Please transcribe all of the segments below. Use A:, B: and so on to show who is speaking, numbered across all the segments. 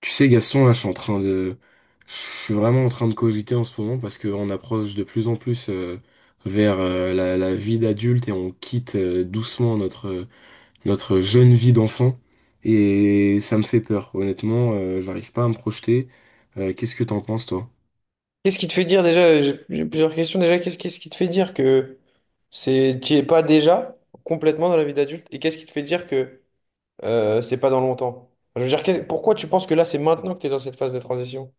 A: Tu sais, Gaston, là, je suis en train de, je suis vraiment en train de cogiter en ce moment parce qu'on approche de plus en plus vers la vie d'adulte et on quitte doucement notre notre jeune vie d'enfant et ça me fait peur. Honnêtement, j'arrive pas à me projeter. Qu'est-ce que t'en penses, toi?
B: Qu'est-ce qui te fait dire déjà, j'ai plusieurs questions déjà, qu'est-ce qui te fait dire que c'est tu y es pas déjà complètement dans la vie d'adulte et qu'est-ce qui te fait dire que c'est pas dans longtemps? Enfin, je veux dire, pourquoi tu penses que là c'est maintenant que tu es dans cette phase de transition?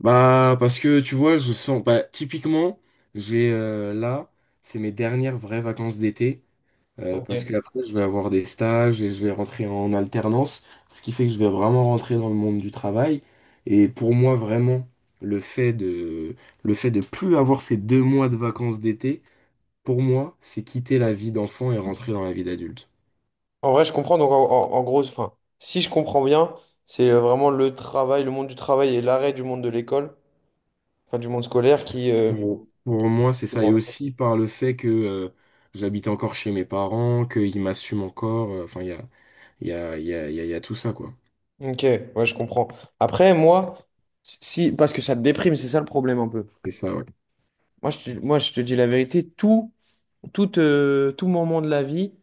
A: Bah, parce que tu vois, je sens, bah, typiquement, j'ai euh, là, c'est mes dernières vraies vacances d'été.
B: Ok.
A: Parce que après je vais avoir des stages et je vais rentrer en alternance, ce qui fait que je vais vraiment rentrer dans le monde du travail. Et pour moi, vraiment, le fait de, le fait de plus avoir ces deux mois de vacances d'été, pour moi, c'est quitter la vie d'enfant et rentrer dans la vie d'adulte.
B: En vrai, je comprends donc en gros, enfin, si je comprends bien, c'est vraiment le travail, le monde du travail et l'arrêt du monde de l'école, enfin du monde scolaire qui
A: Pour moi, c'est ça. Et
B: bon.
A: aussi par le fait que j'habite encore chez mes parents, qu'ils m'assument encore. Enfin, il y a, il y a, il y a, il y a il y a tout ça, quoi.
B: Ok, ouais, je comprends. Après, moi, si, parce que ça te déprime, c'est ça le problème un peu.
A: C'est ça, ouais.
B: Moi, je te dis la vérité, tout moment de la vie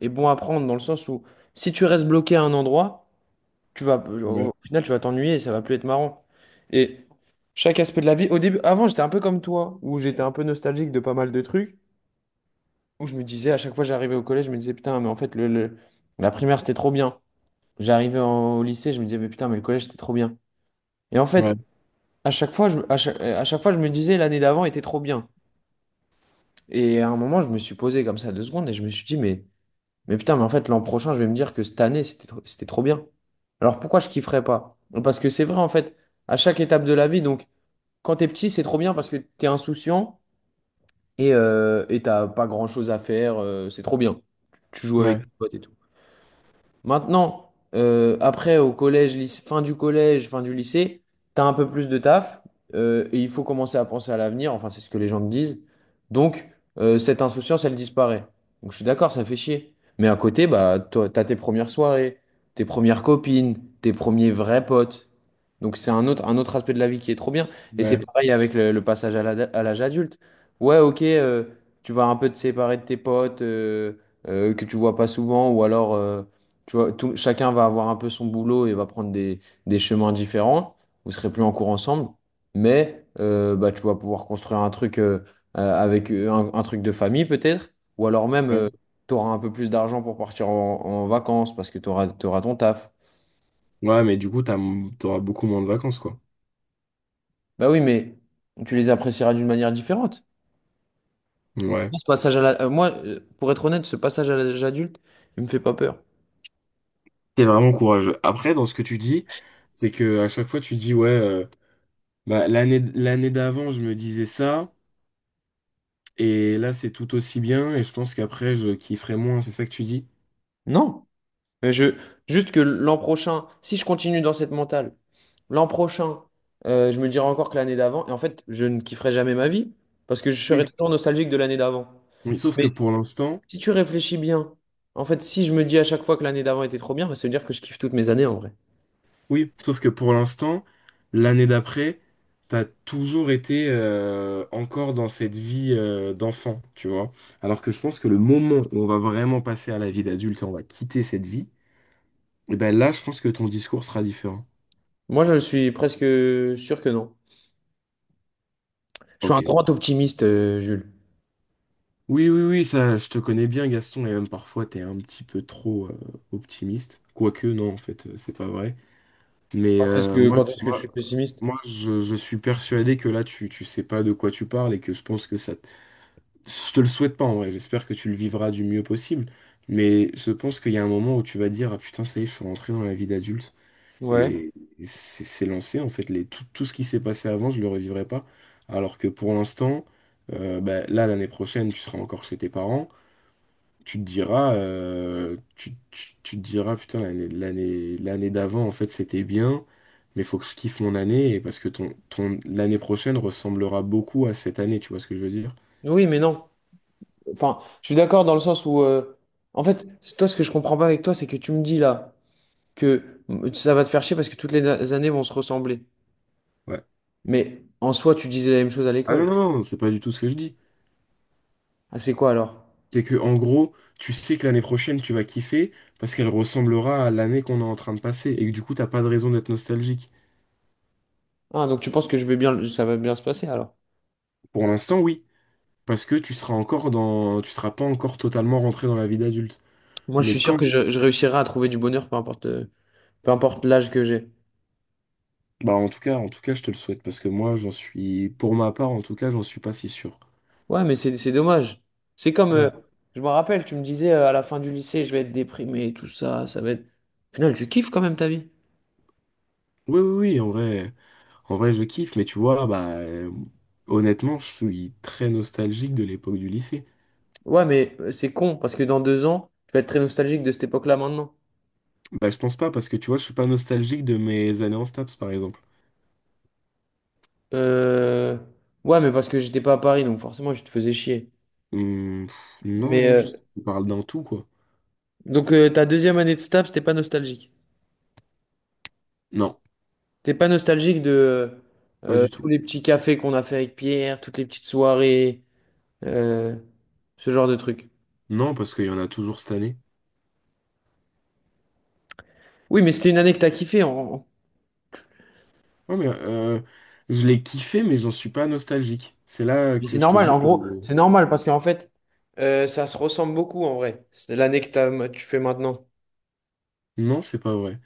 B: est bon à prendre dans le sens où si tu restes bloqué à un endroit, tu vas, au
A: Ouais,
B: au final, tu vas t'ennuyer et ça va plus être marrant. Et chaque aspect de la vie, au début, avant, j'étais un peu comme toi, où j'étais un peu nostalgique de pas mal de trucs, où je me disais, à chaque fois j'arrivais au collège, je me disais, putain, mais en fait, la primaire, c'était trop bien. J'arrivais au lycée, je me disais, mais putain, mais le collège, c'était trop bien. Et en fait,
A: ouais,
B: à chaque fois, à chaque fois, je me disais, l'année d'avant était trop bien. Et à un moment, je me suis posé comme ça 2 secondes et je me suis dit, mais. Mais putain, mais en fait, l'an prochain, je vais me dire que cette année, c'était trop bien. Alors pourquoi je kifferais pas? Parce que c'est vrai, en fait, à chaque étape de la vie, donc quand t'es petit, c'est trop bien parce que t'es insouciant et t'as pas grand-chose à faire, c'est trop bien. Tu joues avec
A: ouais,
B: tes potes et tout. Maintenant, après, au collège, fin du collège, fin du lycée, t'as un peu plus de taf et il faut commencer à penser à l'avenir. Enfin, c'est ce que les gens me disent. Donc, cette insouciance, elle disparaît. Donc, je suis d'accord, ça fait chier. Mais à côté, bah, toi, t'as tes premières soirées, tes premières copines, tes premiers vrais potes. Donc, c'est un autre aspect de la vie qui est trop bien. Et c'est
A: ouais.
B: pareil avec le passage à l'âge adulte. Ouais, ok, tu vas un peu te séparer de tes potes que tu vois pas souvent ou alors tu vois, chacun va avoir un peu son boulot et va prendre des chemins différents. Vous serez plus en cours ensemble, mais bah, tu vas pouvoir construire un truc avec un truc de famille peut-être, ou alors même
A: Ouais.
B: tu auras un peu plus d'argent pour partir en vacances parce que tu auras ton taf.
A: Ouais, mais du coup, t'auras beaucoup moins de vacances, quoi.
B: Bah oui, mais tu les apprécieras d'une manière différente.
A: Ouais.
B: Ce passage à la- moi, pour être honnête, ce passage à l'âge adulte, il me fait pas peur.
A: T'es vraiment courageux. Après, dans ce que tu dis, c'est que à chaque fois, tu dis, ouais, bah, l'année d'avant, je me disais ça, et là, c'est tout aussi bien, et je pense qu'après, je kifferai moins, c'est ça que tu dis?
B: Non. Mais je, juste que l'an prochain, si je continue dans cette mentale, l'an prochain, je me dirai encore que l'année d'avant, et en fait, je ne kifferai jamais ma vie, parce que je serai
A: Oui.
B: toujours nostalgique de l'année d'avant.
A: Oui. Sauf que
B: Mais
A: pour l'instant,
B: si tu réfléchis bien, en fait, si je me dis à chaque fois que l'année d'avant était trop bien, bah, ça veut dire que je kiffe toutes mes années en vrai.
A: oui, sauf que pour l'instant, l'année d'après, t'as toujours été encore dans cette vie d'enfant, tu vois. Alors que je pense que le moment où on va vraiment passer à la vie d'adulte, et on va quitter cette vie, et ben là, je pense que ton discours sera différent.
B: Moi, je suis presque sûr que non. Je suis un
A: Ok.
B: grand optimiste, Jules.
A: Oui, oui, oui, ça, je te connais bien, Gaston, et même parfois, t'es un petit peu trop optimiste. Quoique, non, en fait, c'est pas vrai.
B: Quand est-ce que je
A: Moi,
B: suis pessimiste?
A: je suis persuadé que là, tu sais pas de quoi tu parles et que je pense que je te le souhaite pas, en vrai. J'espère que tu le vivras du mieux possible. Mais je pense qu'il y a un moment où tu vas dire, ah putain, ça y est, je suis rentré dans la vie d'adulte.
B: Ouais.
A: Et c'est lancé, en fait, tout, tout ce qui s'est passé avant, je le revivrai pas. Alors que pour l'instant, bah, là, l'année prochaine, tu seras encore chez tes parents. Tu te diras, tu te diras, putain, l'année d'avant, en fait, c'était bien, mais faut que je kiffe mon année, et parce que l'année prochaine ressemblera beaucoup à cette année, tu vois ce que je veux dire?
B: Oui, mais non. Enfin, je suis d'accord dans le sens où, en fait, toi, ce que je comprends pas avec toi, c'est que tu me dis là, que ça va te faire chier parce que toutes les années vont se ressembler.
A: Ouais.
B: Mais en soi, tu disais la même chose à
A: Ah non,
B: l'école.
A: non, non, c'est pas du tout ce que je dis.
B: Ah, c'est quoi alors?
A: C'est que en gros, tu sais que l'année prochaine, tu vas kiffer parce qu'elle ressemblera à l'année qu'on est en train de passer et que du coup, t'as pas de raison d'être nostalgique.
B: Ah, donc tu penses que je vais bien, ça va bien se passer alors?
A: Pour l'instant, oui, parce que tu seras encore dans, tu seras pas encore totalement rentré dans la vie d'adulte.
B: Moi, je suis
A: Mais
B: sûr
A: quand,
B: que je réussirai à trouver du bonheur, peu importe l'âge que j'ai.
A: bah en tout cas, je te le souhaite parce que moi, j'en suis, pour ma part, en tout cas, j'en suis pas si sûr.
B: Ouais, c'est dommage. C'est comme,
A: Ouais.
B: je me rappelle, tu me disais à la fin du lycée, je vais être déprimé, tout ça, ça va être. Au final, tu kiffes quand même ta vie.
A: Oui, oui, oui, en vrai, je kiffe, mais tu vois, honnêtement, je suis très nostalgique de l'époque du lycée.
B: Ouais, mais c'est con parce que dans 2 ans, tu vas être très nostalgique de cette époque-là maintenant.
A: Bah je pense pas parce que tu vois, je suis pas nostalgique de mes années en STAPS, par exemple.
B: Euh... Ouais, mais parce que j'étais pas à Paris, donc forcément, je te faisais chier.
A: Pff, non,
B: Mais
A: non, je parle d'un tout, quoi.
B: donc ta deuxième année de STAPS, t'es pas nostalgique.
A: Non,
B: T'es pas nostalgique de
A: pas du tout.
B: tous les petits cafés qu'on a fait avec Pierre, toutes les petites soirées, euh, ce genre de trucs.
A: Non, parce qu'il y en a toujours cette année.
B: Oui, mais c'était une année que t'as kiffé. En...
A: Ouais, je l'ai kiffé, mais j'en suis pas nostalgique. C'est là
B: Mais c'est
A: que je te
B: normal,
A: dis
B: en
A: que
B: gros, c'est normal parce qu'en fait, ça se ressemble beaucoup en vrai. C'est l'année que tu fais maintenant.
A: non, c'est pas vrai.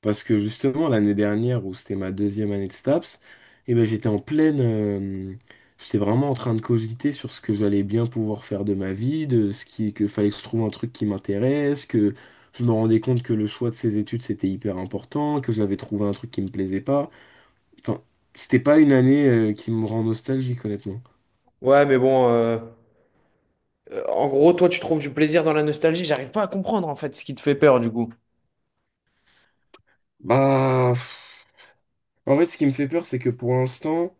A: Parce que justement, l'année dernière, où c'était ma deuxième année de STAPS, eh ben, j'étais en pleine. J'étais vraiment en train de cogiter sur ce que j'allais bien pouvoir faire de ma vie, de ce que fallait que je trouve un truc qui m'intéresse, que je me rendais compte que le choix de ces études, c'était hyper important, que j'avais trouvé un truc qui me plaisait pas. Enfin, c'était pas une année qui me rend nostalgique, honnêtement.
B: Ouais, mais bon, en gros, toi, tu trouves du plaisir dans la nostalgie. J'arrive pas à comprendre en fait ce qui te fait peur du coup.
A: Bah, pff, en fait, ce qui me fait peur, c'est que pour l'instant,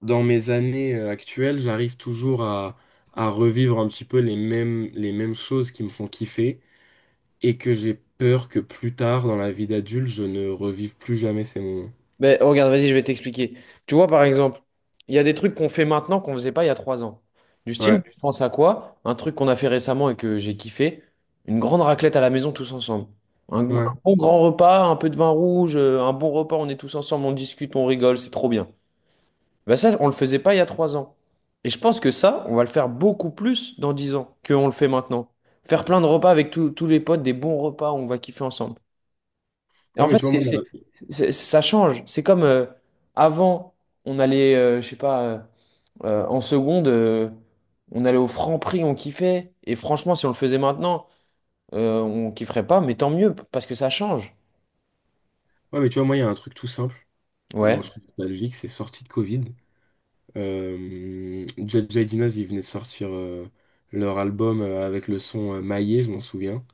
A: dans mes années actuelles, à revivre un petit peu les mêmes choses qui me font kiffer et que j'ai peur que plus tard, dans la vie d'adulte, je ne revive plus jamais ces moments.
B: Ben, oh, regarde, vas-y, je vais t'expliquer. Tu vois, par exemple, il y a des trucs qu'on fait maintenant qu'on ne faisait pas il y a 3 ans. Du style,
A: Ouais,
B: je pense à quoi? Un truc qu'on a fait récemment et que j'ai kiffé, une grande raclette à la maison tous ensemble. Un
A: ouais.
B: bon grand repas, un peu de vin rouge, un bon repas, on est tous ensemble, on discute, on rigole, c'est trop bien. Ben ça, on ne le faisait pas il y a trois ans. Et je pense que ça, on va le faire beaucoup plus dans 10 ans qu'on le fait maintenant. Faire plein de repas avec tous les potes, des bons repas, on va kiffer ensemble. Et
A: Ouais,
B: en
A: mais
B: fait,
A: tu vois, moi, il y a-
B: ça change. C'est comme avant, on allait, je sais pas, en seconde, on allait au Franprix, on kiffait. Et franchement, si on le faisait maintenant, on kifferait pas, mais tant mieux, parce que ça change.
A: Ouais, mais tu vois, moi, il y a un truc tout simple dont
B: Ouais,
A: je suis nostalgique, c'est sortie de Covid. Jadja et Dinaz, ils venaient de sortir leur album avec le son Maillé, je m'en souviens.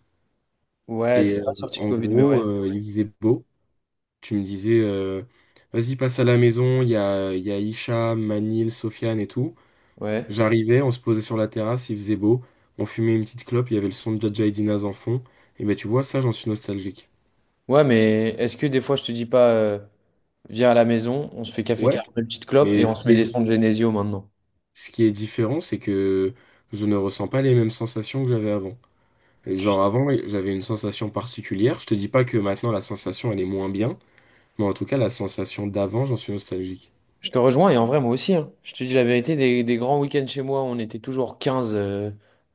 B: ouais,
A: Et
B: c'est pas sorti de
A: en
B: Covid, mais
A: gros,
B: ouais,
A: il faisait beau. Tu me disais, vas-y, passe à la maison, il y a Isha, Manil, Sofiane et tout.
B: ouais.
A: J'arrivais, on se posait sur la terrasse, il faisait beau. On fumait une petite clope, il y avait le son de Jadja et Dinaz en fond. Et ben tu vois, ça, j'en suis nostalgique.
B: Ouais, mais est-ce que des fois, je te dis pas, viens à la maison, on se fait café
A: Ouais,
B: caramel, petite clope, et
A: mais
B: on
A: ce
B: se
A: qui
B: met
A: est,
B: des sons
A: dif-
B: de Genesio maintenant?
A: Ce qui est différent, c'est que je ne ressens pas les mêmes sensations que j'avais avant. Et genre avant, j'avais une sensation particulière. Je te dis pas que maintenant la sensation elle est moins bien, mais en tout cas la sensation d'avant, j'en suis nostalgique.
B: Je te rejoins et en vrai moi aussi, hein. Je te dis la vérité, des grands week-ends chez moi, on était toujours 15 euh,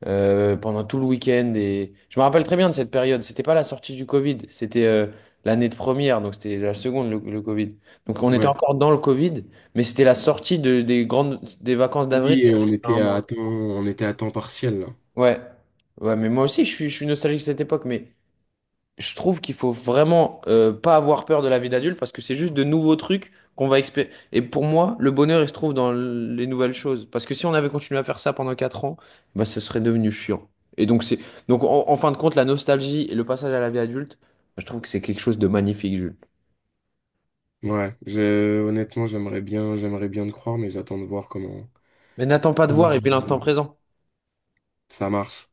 B: euh, pendant tout le week-end. Et... Je me rappelle très bien de cette période. C'était pas la sortie du Covid, c'était l'année de première, donc c'était la seconde, le Covid. Donc on était
A: Ouais.
B: encore dans le Covid, mais c'était la sortie de, des grandes des vacances d'avril
A: Oui,
B: qui avaient un mois.
A: on était à temps partiel là.
B: Ouais. Ouais, mais moi aussi je suis nostalgique de cette époque, mais je trouve qu'il faut vraiment pas avoir peur de la vie d'adulte parce que c'est juste de nouveaux trucs qu'on va expérimenter. Et pour moi, le bonheur, il se trouve dans les nouvelles choses. Parce que si on avait continué à faire ça pendant 4 ans, bah, ce serait devenu chiant. Et donc, en fin de compte, la nostalgie et le passage à la vie adulte, bah, je trouve que c'est quelque chose de magnifique, Jules.
A: Ouais. Je, honnêtement, j'aimerais bien te croire, mais j'attends de voir comment,
B: Mais n'attends pas de
A: comment
B: voir
A: je
B: et
A: vais
B: puis l'instant
A: vivre.
B: présent.
A: Ça marche.